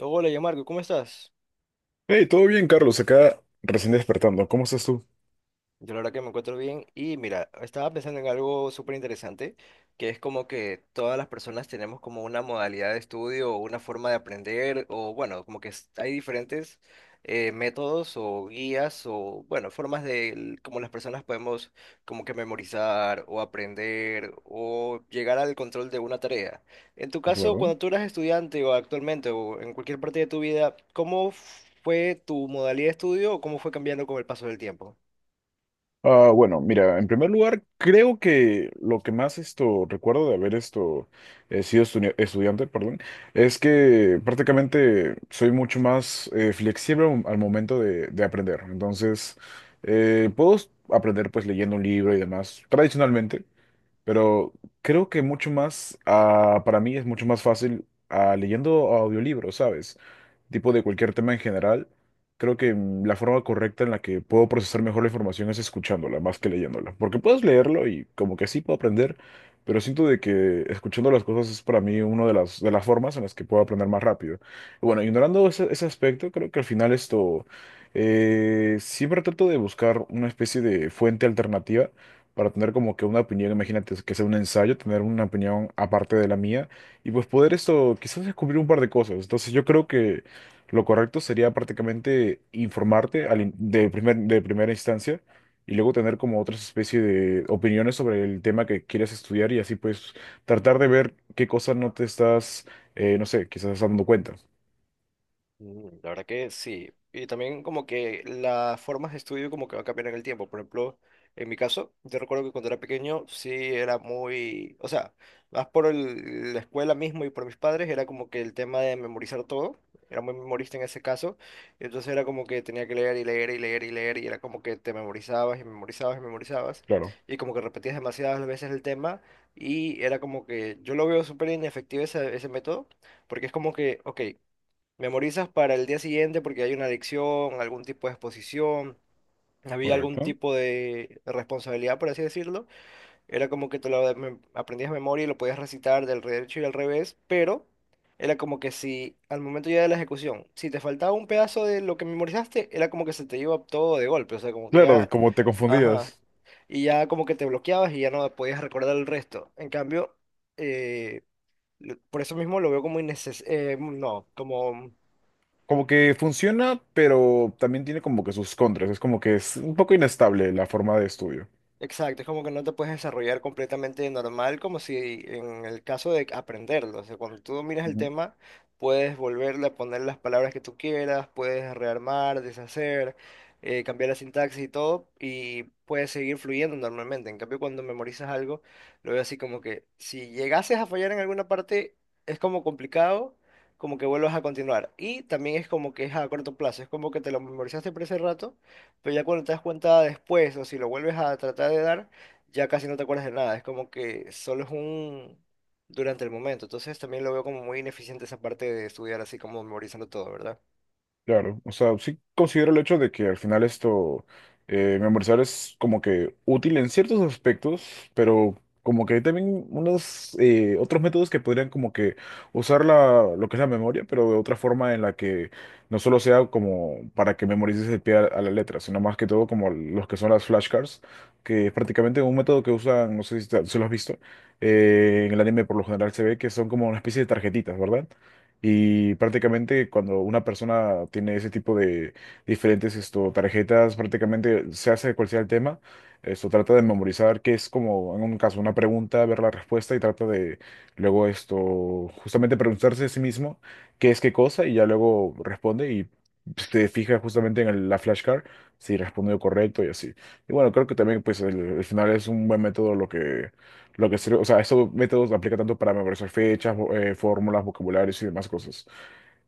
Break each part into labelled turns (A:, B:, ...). A: Hola, ya Marco, ¿cómo estás?
B: Hey, todo bien, Carlos, acá recién despertando. ¿Cómo estás tú?
A: Yo la verdad que me encuentro bien y mira, estaba pensando en algo súper interesante, que es como que todas las personas tenemos como una modalidad de estudio o una forma de aprender o bueno, como que hay diferentes métodos o guías o bueno, formas de como las personas podemos como que memorizar o aprender o llegar al control de una tarea. En tu caso,
B: Claro.
A: cuando tú eras estudiante o actualmente o en cualquier parte de tu vida, ¿cómo fue tu modalidad de estudio o cómo fue cambiando con el paso del tiempo?
B: Bueno, mira, en primer lugar, creo que lo que más esto recuerdo de haber esto estudiante, perdón, es que prácticamente soy mucho más flexible al momento de aprender. Entonces, aprender pues leyendo un libro y demás, tradicionalmente. Pero creo que mucho más, para mí es mucho más fácil leyendo audiolibros, ¿sabes? Tipo de cualquier tema en general. Creo que la forma correcta en la que puedo procesar mejor la información es escuchándola más que leyéndola. Porque puedes leerlo y como que sí puedo aprender, pero siento de que escuchando las cosas es para mí una de de las formas en las que puedo aprender más rápido. Y bueno, ignorando ese aspecto, creo que al final siempre trato de buscar una especie de fuente alternativa para tener como que una opinión, imagínate que sea un ensayo, tener una opinión aparte de la mía y pues poder esto quizás descubrir un par de cosas. Entonces yo creo que lo correcto sería prácticamente informarte de de primera instancia y luego tener como otras especies de opiniones sobre el tema que quieres estudiar y así pues tratar de ver qué cosas no te estás, no sé, quizás dando cuenta.
A: Mm, la verdad que sí. Y también como que las formas de estudio como que va a cambiar en el tiempo. Por ejemplo, en mi caso, yo recuerdo que cuando era pequeño sí era muy, o sea, más por la escuela mismo y por mis padres, era como que el tema de memorizar todo. Era muy memorista en ese caso. Entonces era como que tenía que leer y leer y leer y leer y era como que te memorizabas y memorizabas y memorizabas.
B: Claro,
A: Y como que repetías demasiadas veces el tema. Y era como que yo lo veo súper inefectivo ese método. Porque es como que, ok. Memorizas para el día siguiente porque hay una adicción, algún tipo de exposición, había algún
B: correcto.
A: tipo de responsabilidad, por así decirlo. Era como que te lo aprendías de memoria y lo podías recitar del derecho y al revés, pero era como que si al momento ya de la ejecución, si te faltaba un pedazo de lo que memorizaste, era como que se te iba todo de golpe, o sea, como que
B: Claro,
A: ya,
B: como te
A: ajá,
B: confundías.
A: y ya como que te bloqueabas y ya no podías recordar el resto. En cambio, eh, por eso mismo lo veo como innecesario, no, como...
B: Como que funciona, pero también tiene como que sus contras. Es como que es un poco inestable la forma de estudio.
A: Exacto, es como que no te puedes desarrollar completamente normal, como si en el caso de aprenderlo. O sea, cuando tú miras el tema, puedes volverle a poner las palabras que tú quieras, puedes rearmar, deshacer, cambiar la sintaxis y todo, y puedes seguir fluyendo normalmente. En cambio, cuando memorizas algo, lo veo así como que si llegases a fallar en alguna parte, es como complicado, como que vuelvas a continuar. Y también es como que es a corto plazo, es como que te lo memorizaste por ese rato pero ya cuando te das cuenta después o si lo vuelves a tratar de dar, ya casi no te acuerdas de nada, es como que solo es un durante el momento, entonces también lo veo como muy ineficiente esa parte de estudiar así como memorizando todo, ¿verdad?
B: Claro, o sea, sí considero el hecho de que al final memorizar es como que útil en ciertos aspectos, pero como que hay también unos otros métodos que podrían como que usar lo que es la memoria, pero de otra forma en la que no solo sea como para que memorices el pie a la letra, sino más que todo como los que son las flashcards, que es prácticamente un método que usan, no sé si lo has visto, en el anime por lo general se ve que son como una especie de tarjetitas, ¿verdad? Y prácticamente cuando una persona tiene ese tipo de diferentes tarjetas, prácticamente se hace cual sea el tema, esto trata de memorizar, que es como en un caso una pregunta, ver la respuesta y trata de luego esto, justamente preguntarse a sí mismo qué es qué cosa y ya luego responde y se fija justamente en la flashcard si respondió correcto y así. Y bueno, creo que también pues el final es un buen método lo que sirve, o sea, estos métodos aplican tanto para memorizar fechas, fórmulas, vocabularios y demás cosas.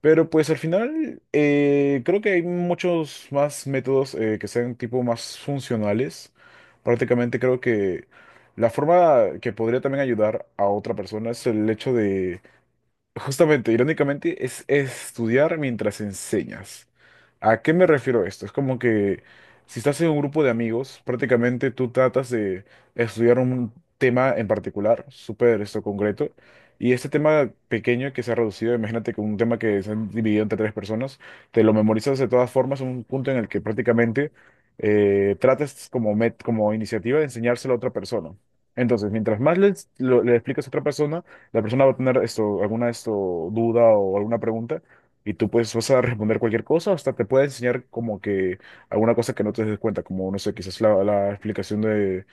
B: Pero pues al final creo que hay muchos más métodos que sean tipo más funcionales. Prácticamente creo que la forma que podría también ayudar a otra persona es el hecho de justamente, irónicamente, es estudiar mientras enseñas. ¿A qué me refiero esto? Es como que si estás en un grupo de amigos, prácticamente tú tratas de estudiar un tema en particular, súper esto concreto, y este tema pequeño que se ha reducido, imagínate que un tema que se han dividido entre tres personas, te lo memorizas de todas formas, un punto en el que prácticamente tratas como iniciativa de enseñárselo a otra persona. Entonces, mientras más le explicas a otra persona, la persona va a tener duda o alguna pregunta y tú pues vas a responder cualquier cosa, hasta te puede enseñar como que alguna cosa que no te des cuenta, como no sé, quizás la explicación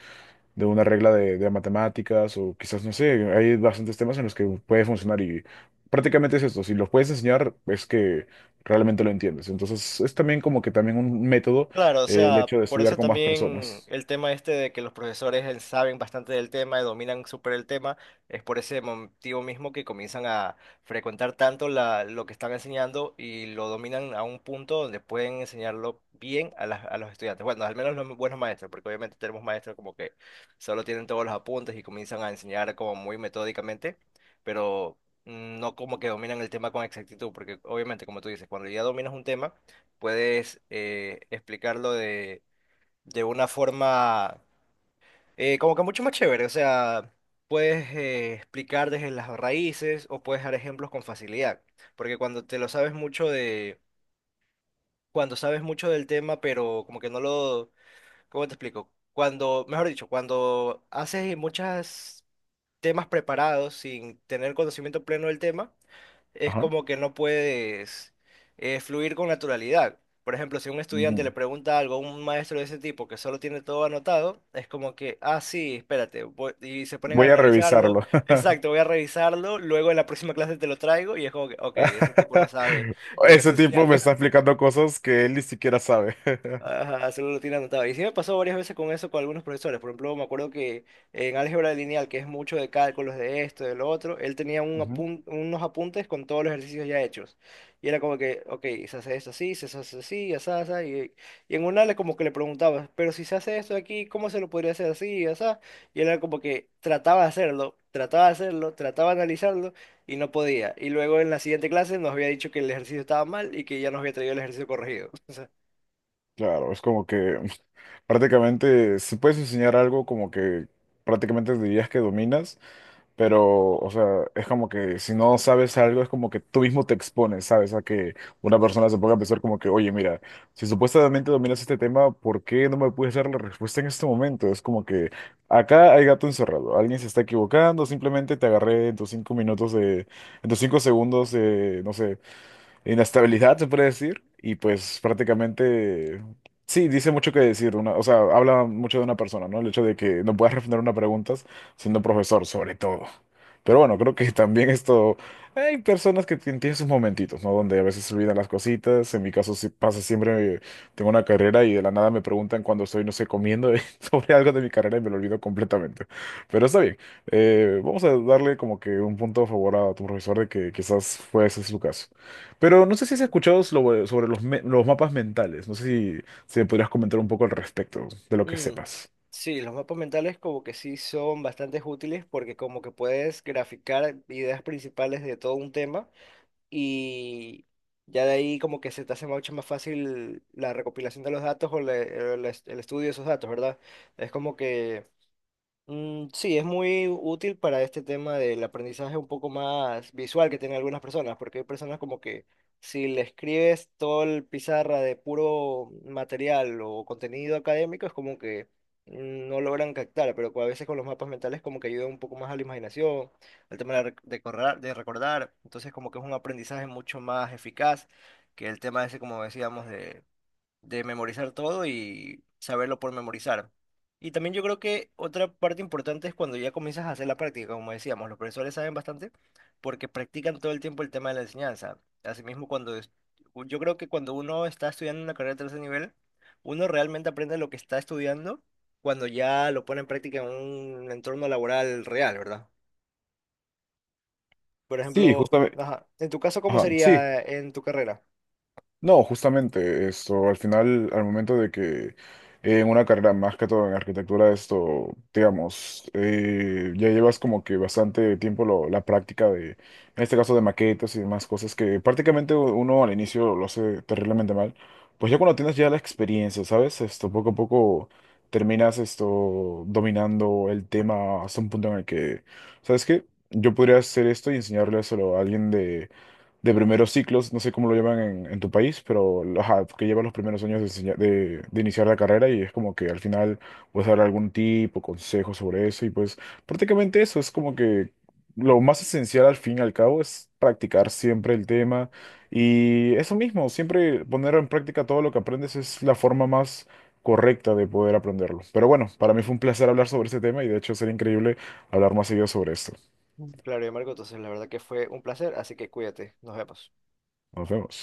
B: de una regla de matemáticas o quizás no sé, hay bastantes temas en los que puede funcionar y prácticamente es si los puedes enseñar es que realmente lo entiendes. Entonces es también como que también un método
A: Claro, o
B: el
A: sea,
B: hecho de
A: por
B: estudiar
A: eso
B: con más
A: también
B: personas.
A: el tema este de que los profesores saben bastante del tema, dominan súper el tema, es por ese motivo mismo que comienzan a frecuentar tanto la, lo que están enseñando y lo dominan a un punto donde pueden enseñarlo bien a, a los estudiantes. Bueno, al menos los buenos maestros, porque obviamente tenemos maestros como que solo tienen todos los apuntes y comienzan a enseñar como muy metódicamente, pero no como que dominan el tema con exactitud, porque obviamente, como tú dices, cuando ya dominas un tema, puedes explicarlo de una forma como que mucho más chévere. O sea, puedes explicar desde las raíces o puedes dar ejemplos con facilidad. Porque cuando te lo sabes mucho de, cuando sabes mucho del tema, pero como que no lo, ¿cómo te explico? Cuando, mejor dicho, cuando haces muchas temas preparados, sin tener conocimiento pleno del tema, es
B: Ajá.
A: como que no puedes fluir con naturalidad. Por ejemplo, si un estudiante
B: Ujú.
A: le pregunta algo a un maestro de ese tipo que solo tiene todo anotado, es como que, ah, sí, espérate, y se ponen a
B: Voy a
A: analizarlo,
B: revisarlo.
A: exacto, voy a revisarlo, luego en la próxima clase te lo traigo y es como que, ok, ese tipo no sabe lo que está
B: Ese tipo me
A: enseñando.
B: está explicando cosas que él ni siquiera sabe.
A: Ajá, solo lo tiene anotado. Y sí me pasó varias veces con eso con algunos profesores. Por ejemplo, me acuerdo que en álgebra lineal, que es mucho de cálculos de esto, de lo otro, él tenía
B: Ujú.
A: unos apuntes con todos los ejercicios ya hechos. Y era como que, ok, se hace esto así, se hace así, así, asá. Y en una le como que le preguntaba, pero si se hace esto aquí, ¿cómo se lo podría hacer así, así? Y él era como que trataba de hacerlo, trataba de hacerlo, trataba de analizarlo y no podía. Y luego en la siguiente clase nos había dicho que el ejercicio estaba mal y que ya nos había traído el ejercicio corregido.
B: Claro, es como que prácticamente, si puedes enseñar algo como que prácticamente dirías que dominas, pero, o sea, es como que si no sabes algo, es como que tú mismo te expones, ¿sabes? A que una persona se ponga a pensar como que, oye, mira, si supuestamente dominas este tema, ¿por qué no me puedes dar la respuesta en este momento? Es como que acá hay gato encerrado, alguien se está equivocando, simplemente te agarré en tus cinco minutos de, en tus cinco segundos de, no sé, inestabilidad, se puede decir, y pues prácticamente, sí, dice mucho que decir, una, o sea, habla mucho de una persona, ¿no? El hecho de que no puedas responder una pregunta siendo profesor, sobre todo. Pero bueno, creo que también hay personas que tienen sus momentitos, ¿no? Donde a veces se olvidan las cositas, en mi caso sí pasa siempre, tengo una carrera y de la nada me preguntan cuando estoy, no sé, comiendo sobre algo de mi carrera y me lo olvido completamente. Pero está bien, vamos a darle como que un punto a favor a tu profesor de que quizás fue ese su caso. Pero no sé si has escuchado sobre los mapas mentales. No sé si me podrías comentar un poco al respecto de lo que
A: Mm,
B: sepas.
A: sí, los mapas mentales como que sí son bastante útiles porque como que puedes graficar ideas principales de todo un tema y ya de ahí como que se te hace mucho más fácil la recopilación de los datos o el estudio de esos datos, ¿verdad? Es como que mm, sí, es muy útil para este tema del aprendizaje un poco más visual que tienen algunas personas, porque hay personas como que si le escribes todo el pizarra de puro material o contenido académico, es como que no logran captar, pero a veces con los mapas mentales como que ayuda un poco más a la imaginación, al tema de, de recordar, entonces como que es un aprendizaje mucho más eficaz que el tema ese, como decíamos, de memorizar todo y saberlo por memorizar. Y también yo creo que otra parte importante es cuando ya comienzas a hacer la práctica, como decíamos, los profesores saben bastante porque practican todo el tiempo el tema de la enseñanza. Asimismo, yo creo que cuando uno está estudiando una carrera de tercer nivel, uno realmente aprende lo que está estudiando cuando ya lo pone en práctica en un entorno laboral real, ¿verdad? Por
B: Sí,
A: ejemplo,
B: justamente.
A: ajá, en tu caso, ¿cómo sería en tu carrera?
B: No, justamente al final, al momento de que en una carrera más que todo en arquitectura, digamos, ya llevas como que bastante tiempo la práctica de, en este caso de maquetas y demás cosas que prácticamente uno al inicio lo hace terriblemente mal, pues ya cuando tienes ya la experiencia, ¿sabes? Poco a poco terminas esto dominando el tema hasta un punto en el que, ¿sabes qué? Yo podría hacer esto y enseñárselo a alguien de primeros ciclos, no sé cómo lo llaman en tu país, pero ajá, que lleva los primeros años de iniciar la carrera y es como que al final puedes dar algún tipo, consejo sobre eso y pues prácticamente eso es como que lo más esencial al fin y al cabo es practicar siempre el tema y eso mismo, siempre poner en práctica todo lo que aprendes es la forma más correcta de poder aprenderlo. Pero bueno, para mí fue un placer hablar sobre este tema y de hecho sería increíble hablar más seguido sobre esto.
A: Mm. Claro, y Marco, entonces la verdad que fue un placer, así que cuídate, nos vemos.
B: Nos vemos.